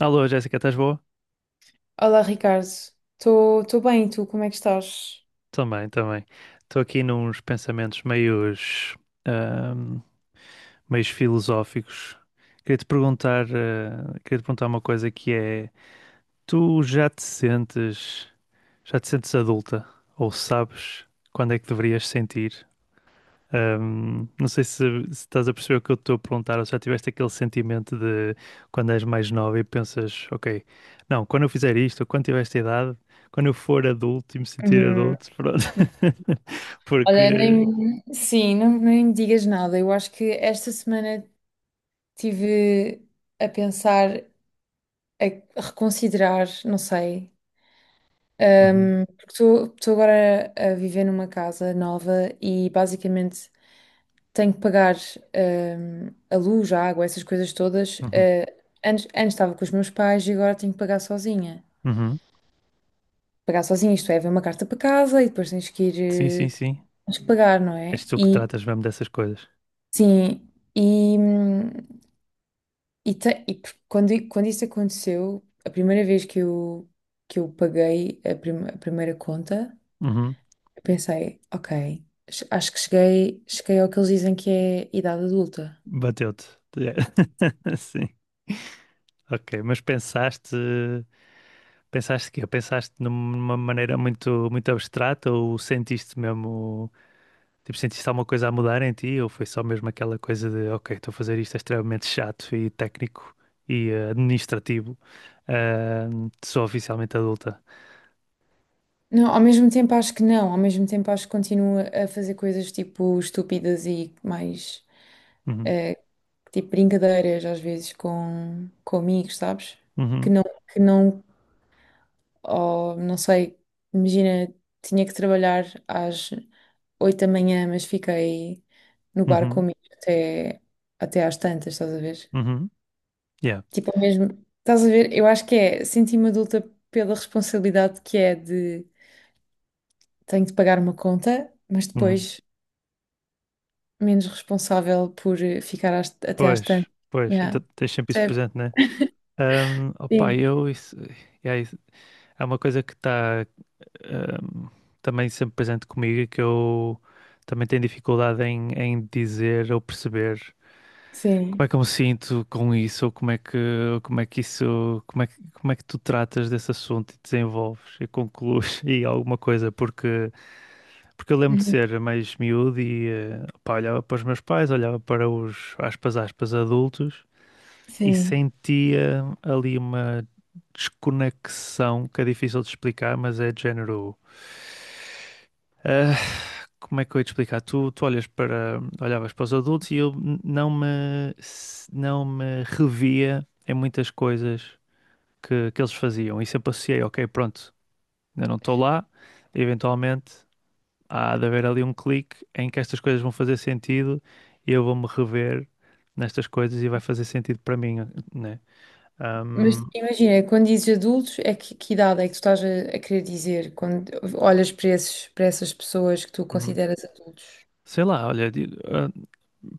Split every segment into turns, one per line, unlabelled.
Alô, Jéssica, estás boa?
Olá, Ricardo. Estou bem, e tu como é que estás?
Também, também. Estou aqui nos pensamentos meios, ahm, meios filosóficos. Queria te perguntar, queria te perguntar uma coisa que é, tu já te sentes adulta? Ou sabes quando é que deverias sentir? Não sei se, se estás a perceber o que eu estou a perguntar, ou se já tiveste aquele sentimento de quando és mais nova e pensas, ok, não, quando eu fizer isto, ou quando tiver esta idade, quando eu for adulto e me sentir
Uhum.
adulto, pronto.
Olha,
Porque.
nem, sim, não, nem me digas nada. Eu acho que esta semana tive a pensar, a reconsiderar, não sei.
Uhum,
Porque estou agora a viver numa casa nova e basicamente tenho que pagar a luz, a água, essas coisas todas.
uhum,
Antes estava com os meus pais e agora tenho que pagar sozinha.
uhum.
Pagar sozinha, isto é, vem uma carta para casa e depois tens que ir
Sim, sim,
eh,
sim.
tens que pagar, não é?
És tu que
E
tratas mesmo dessas coisas.
sim, e, quando, quando isso aconteceu, a primeira vez que eu paguei a, a primeira conta,
Uhum.
eu pensei, ok, acho que cheguei, cheguei ao que eles dizem que é idade adulta.
Bateu-te. Sim. Ok, mas pensaste, pensaste que Pensaste numa maneira muito, muito abstrata ou sentiste mesmo. Tipo, sentiste alguma coisa a mudar em ti ou foi só mesmo aquela coisa de, ok, estou a fazer isto é extremamente chato e técnico e administrativo, eh, sou oficialmente adulta.
Não, ao mesmo tempo acho que não, ao mesmo tempo acho que continuo a fazer coisas tipo estúpidas e mais
Uhum,
eh, tipo brincadeiras às vezes com amigos, sabes? Que
uhum,
não, que não. Ou não sei, imagina, tinha que trabalhar às 8 da manhã, mas fiquei no bar
uhum,
comigo até, até às tantas, estás a ver?
uhum, yeah,
Tipo, é mesmo, estás a ver? Eu acho que é, senti-me adulta pela responsabilidade que é de tenho de pagar uma conta, mas
uhum.
depois menos responsável por ficar até às
Pois,
tantas.
pois, então
Yeah.
tens sempre isso
Percebe?
presente, né? Opa,
Sim,
eu, isso, yeah, é uma coisa que está também sempre presente comigo e que eu também tenho dificuldade em, em dizer ou perceber. Como é
sim,
que eu me sinto com isso? Ou como é que isso, como é que tu tratas desse assunto e desenvolves e conclues e alguma coisa? Porque, porque eu lembro de
uhum,
ser mais miúdo e pá, olhava para os meus pais, olhava para os, aspas, aspas, adultos e
sim.
sentia ali uma desconexão que é difícil de explicar, mas é de género. Ah, como é que eu ia te explicar? Tu olhas para, olhavas para os adultos e eu não me, não me revia em muitas coisas que eles faziam. E sempre associei, ok, pronto, ainda não estou lá, eventualmente há de haver ali um clique em que estas coisas vão fazer sentido e eu vou-me rever nestas coisas e vai fazer sentido para mim, né? Ahm,
Mas imagina, quando dizes adultos, é que idade é que tu estás a querer dizer quando olhas para esses, para essas pessoas que tu
uhum.
consideras adultos?
Sei lá, olha,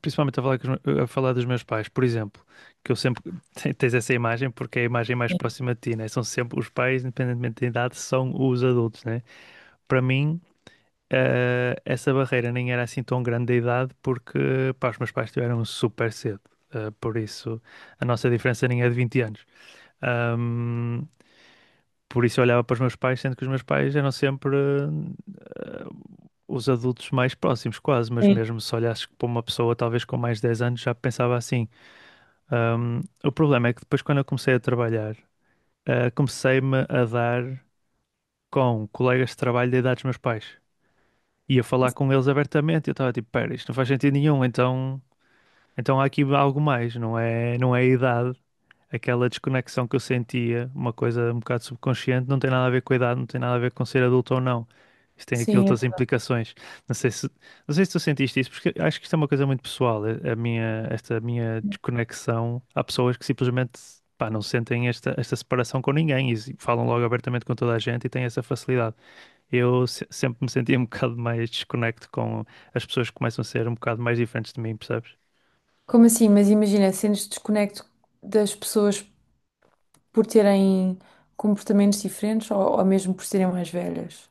principalmente a falar, com os a falar dos meus pais, por exemplo, que eu sempre tens essa imagem porque é a imagem mais próxima de ti, né? São sempre os pais, independentemente da idade, são os adultos, né? Para mim, essa barreira nem era assim tão grande da idade porque, pá, os meus pais tiveram super cedo. Por isso, a nossa diferença nem é de 20 anos. Ahm, por isso, eu olhava para os meus pais, sendo que os meus pais eram sempre os adultos mais próximos, quase, mas
Sim,
mesmo se olhasses para uma pessoa talvez com mais de 10 anos, já pensava assim. O problema é que depois, quando eu comecei a trabalhar, comecei-me a dar com colegas de trabalho da idade dos meus pais. Ia falar com eles abertamente eu estava tipo, pera, isto não faz sentido nenhum, então, então há aqui algo mais, não é, não é a idade, aquela desconexão que eu sentia, uma coisa um bocado subconsciente, não tem nada a ver com a idade, não tem nada a ver com ser adulto ou não. Isso tem aqui
sim.
outras implicações. Não sei se, não sei se tu sentiste isso, porque acho que isto é uma coisa muito pessoal. A minha, esta minha desconexão, há pessoas que simplesmente pá, não sentem esta, esta separação com ninguém e falam logo abertamente com toda a gente e têm essa facilidade. Eu sempre me sentia um bocado mais desconecto com as pessoas que começam a ser um bocado mais diferentes de mim, percebes?
Como assim? Mas imagina, sentes desconecto das pessoas por terem comportamentos diferentes ou mesmo por serem mais velhas?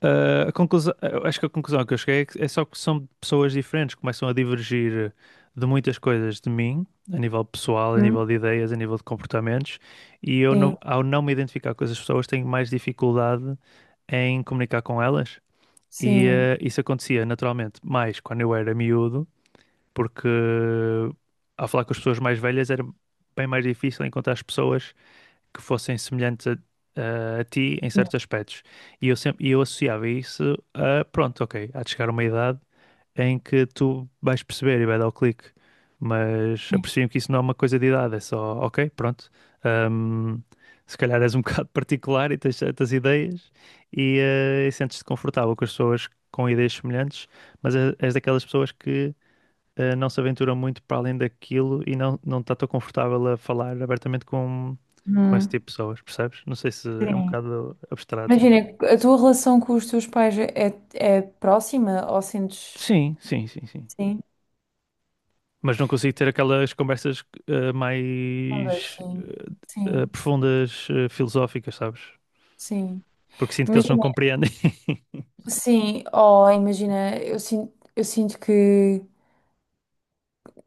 A conclusão, eu acho que a conclusão que eu cheguei é só que são pessoas diferentes, começam a divergir de muitas coisas de mim, a nível pessoal, a
Hum,
nível de ideias, a nível de comportamentos, e eu não,
Sim,
ao não me identificar com essas pessoas, tenho mais dificuldade em comunicar com elas. E
sim,
isso acontecia naturalmente mais quando eu era miúdo, porque ao falar com as pessoas mais velhas era bem mais difícil encontrar as pessoas que fossem semelhantes a, a ti em
sim,
certos aspectos. E eu associava isso a, pronto, ok, há de chegar uma idade em que tu vais perceber e vai dar o clique. Mas
sim.
aprecio que isso não é uma coisa de idade, é só, ok, pronto. hum, se calhar és um bocado particular e tens certas ideias e, e sentes-te confortável com as pessoas com ideias semelhantes, mas és daquelas pessoas que não se aventura muito para além daquilo e não, não está tão confortável a falar abertamente com esse
Hum,
tipo de pessoas, percebes? Não sei se é um
sim.
bocado abstrato,
Imagina,
mas.
a tua relação com os teus pais é, é é próxima ou sentes
Sim, sim, sim, sim.
sim,
Mas não consigo ter aquelas conversas
ondas?
mais
Sim, sim,
profundas, filosóficas, sabes?
sim.
Porque sinto que eles não
Imagina,
compreendem.
sim, oh, imagina, eu sinto que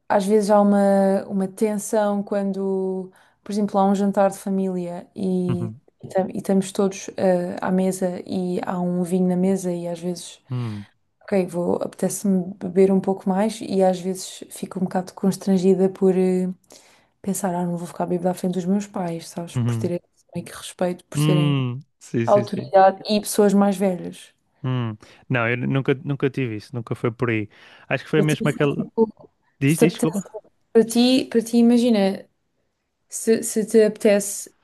às vezes há uma tensão quando, por exemplo, há um jantar de família
Uhum,
e e estamos todos à mesa e há um vinho na mesa e às vezes,
uhum,
ok, vou, apetece-me beber um pouco mais e às vezes fico um bocado constrangida por pensar, ah, não vou ficar bêbada à frente dos meus pais, sabes, por
uhum,
terem meio que respeito, por serem
sim, sim, sim.
autoridade e pessoas mais velhas.
Hum. Não, eu nunca, nunca tive isso, nunca foi por aí. Acho que foi
Eu tive,
mesmo aquela. Diz, diz,
tipo,
desculpa.
para ti, para ti, imagina, se te apetece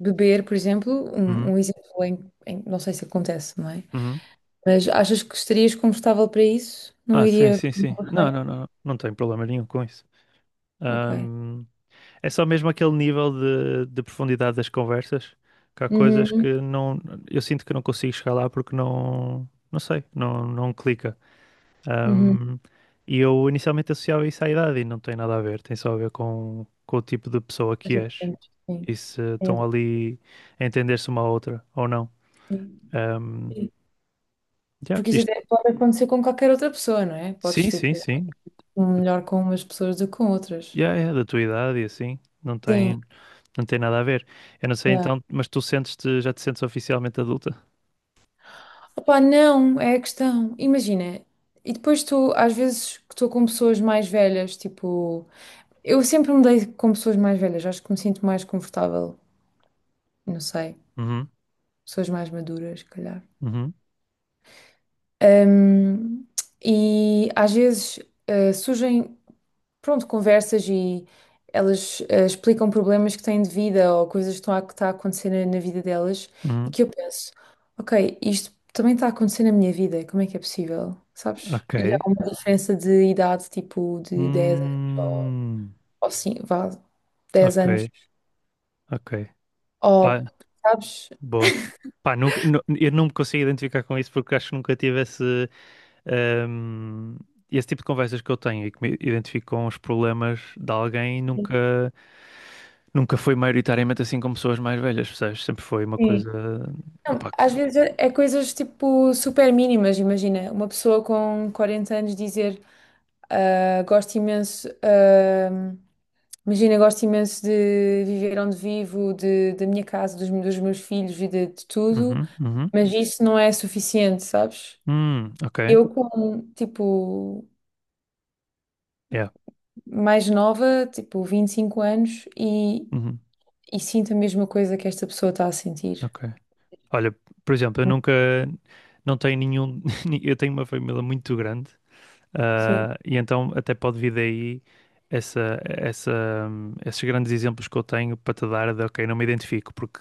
beber, por exemplo, um,
Uhum,
um exemplo em, não sei se acontece, não é?
uhum.
Mas achas que estarias confortável para isso? Não
Sim,
iria.
sim, sim. Não, não, não, não tenho problema nenhum com isso.
Ok.
Ahm, é só mesmo aquele nível de profundidade das conversas, que há coisas
Uhum,
que não, eu sinto que não consigo chegar lá porque não, não sei, não, não clica.
uhum.
Ahm, e eu inicialmente associava isso à idade e não tem nada a ver, tem só a ver com o tipo de pessoa
Mas
que
é
és
diferente,
e
sim.
se
É,
estão ali a entender-se uma à outra ou não.
sim.
Ahm,
Sim.
yeah,
Porque isso até pode acontecer com qualquer outra pessoa, não é? Podes,
sim, sim,
tipo,
sim.
um melhor com umas pessoas do que com outras.
Yeah, yeah, da tua idade e assim, não
Sim,
tem. Não tem nada a ver. Eu não sei
yeah.
então, mas tu sentes-te, já te sentes oficialmente adulta?
Opa, não, é a questão. Imagina, e depois tu, às vezes que estou com pessoas mais velhas, tipo. Eu sempre me dei com pessoas mais velhas, acho que me sinto mais confortável, não sei,
Uhum,
pessoas mais maduras, se calhar.
uhum,
Ahm, e às vezes surgem, pronto, conversas e elas explicam problemas que têm de vida ou coisas que estão a, que está a acontecer na, na vida delas e
uhum.
que eu penso, ok, isto também está a acontecer na minha vida, como é que é possível, sabes?
Ok.
E há uma diferença de idade, tipo de 10 anos
Hum,
ou, sim, vá, 10
ok,
anos,
ok. Pá,
ou, sabes?
boa. Pá, nunca, eu não me consigo identificar com isso porque acho que nunca tive esse, hum, esse tipo de conversas que eu tenho e que me identifico com os problemas de alguém nunca, nunca foi maioritariamente assim com pessoas mais velhas, percebes? Sempre foi uma
Sim.
coisa.
Não,
Opá,
às vezes é é coisas tipo super mínimas, imagina. Uma pessoa com 40 anos dizer ah, gosto imenso, ah, imagina, gosto imenso de viver onde vivo, de, da minha casa, dos, dos meus filhos e de tudo,
Uhum, uhum.
mas isso não é suficiente, sabes?
Ok.
Eu, como tipo
Yeah.
mais nova, tipo 25 anos,
Uhum,
e sinto a mesma coisa que esta pessoa está a sentir.
ok. Olha, por exemplo, eu nunca, não tenho nenhum, eu tenho uma família muito grande,
Sim,
e então até pode vir daí essa, essa, esses grandes exemplos que eu tenho para te dar de, ok, não me identifico, porque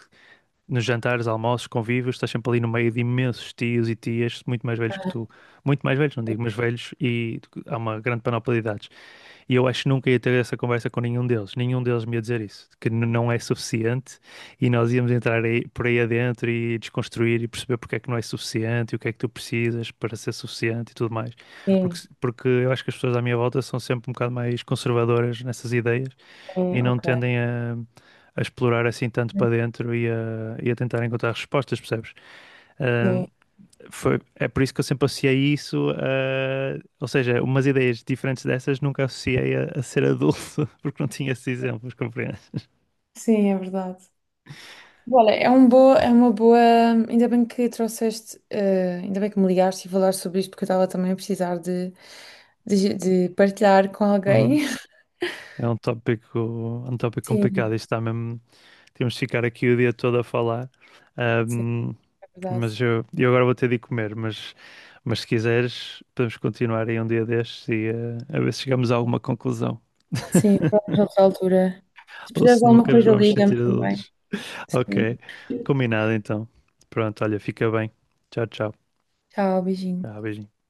nos jantares, almoços, convívios, estás sempre ali no meio de imensos tios e tias muito mais velhos que tu, muito mais velhos, não digo, mas velhos, e há uma grande panóplia de idades. E eu acho que nunca ia ter essa conversa com nenhum deles. Nenhum deles me ia dizer isso, que não é suficiente e nós íamos entrar aí, por aí adentro e desconstruir e perceber porque é que não é suficiente e o que é que tu precisas para ser suficiente e tudo mais. Porque,
sim,
porque eu acho que as pessoas à minha volta são sempre um bocado mais conservadoras nessas ideias e
sim,
não
ok.
tendem a explorar assim tanto para dentro e a tentar encontrar respostas, percebes?
Sim,
É por isso que eu sempre associei isso a, ou seja, umas ideias diferentes dessas nunca associei a ser adulto, porque não tinha esses exemplos, compreendes?
sim, é verdade. Olha, é um boa, é uma boa. Ainda bem que trouxeste, ainda bem que me ligaste e falar sobre isto, porque eu estava também a precisar de partilhar com
Uhum.
alguém.
É um tópico, é um tópico
Sim,
complicado, isto está mesmo, temos de ficar aqui o dia todo a falar.
sim,
Ahm,
é verdade.
mas eu agora vou ter de ir comer, mas se quiseres podemos continuar aí um dia destes e a ver se chegamos a alguma conclusão,
Sim, vamos a outra altura. Se
ou
precisares
se
de alguma
nunca nos
coisa,
vamos
liga-me
sentir
também.
adultos. Ok,
Sim.
combinado então. Pronto, olha, fica bem. Tchau, tchau.
Tchau, beijinho.
Tá, beijinho.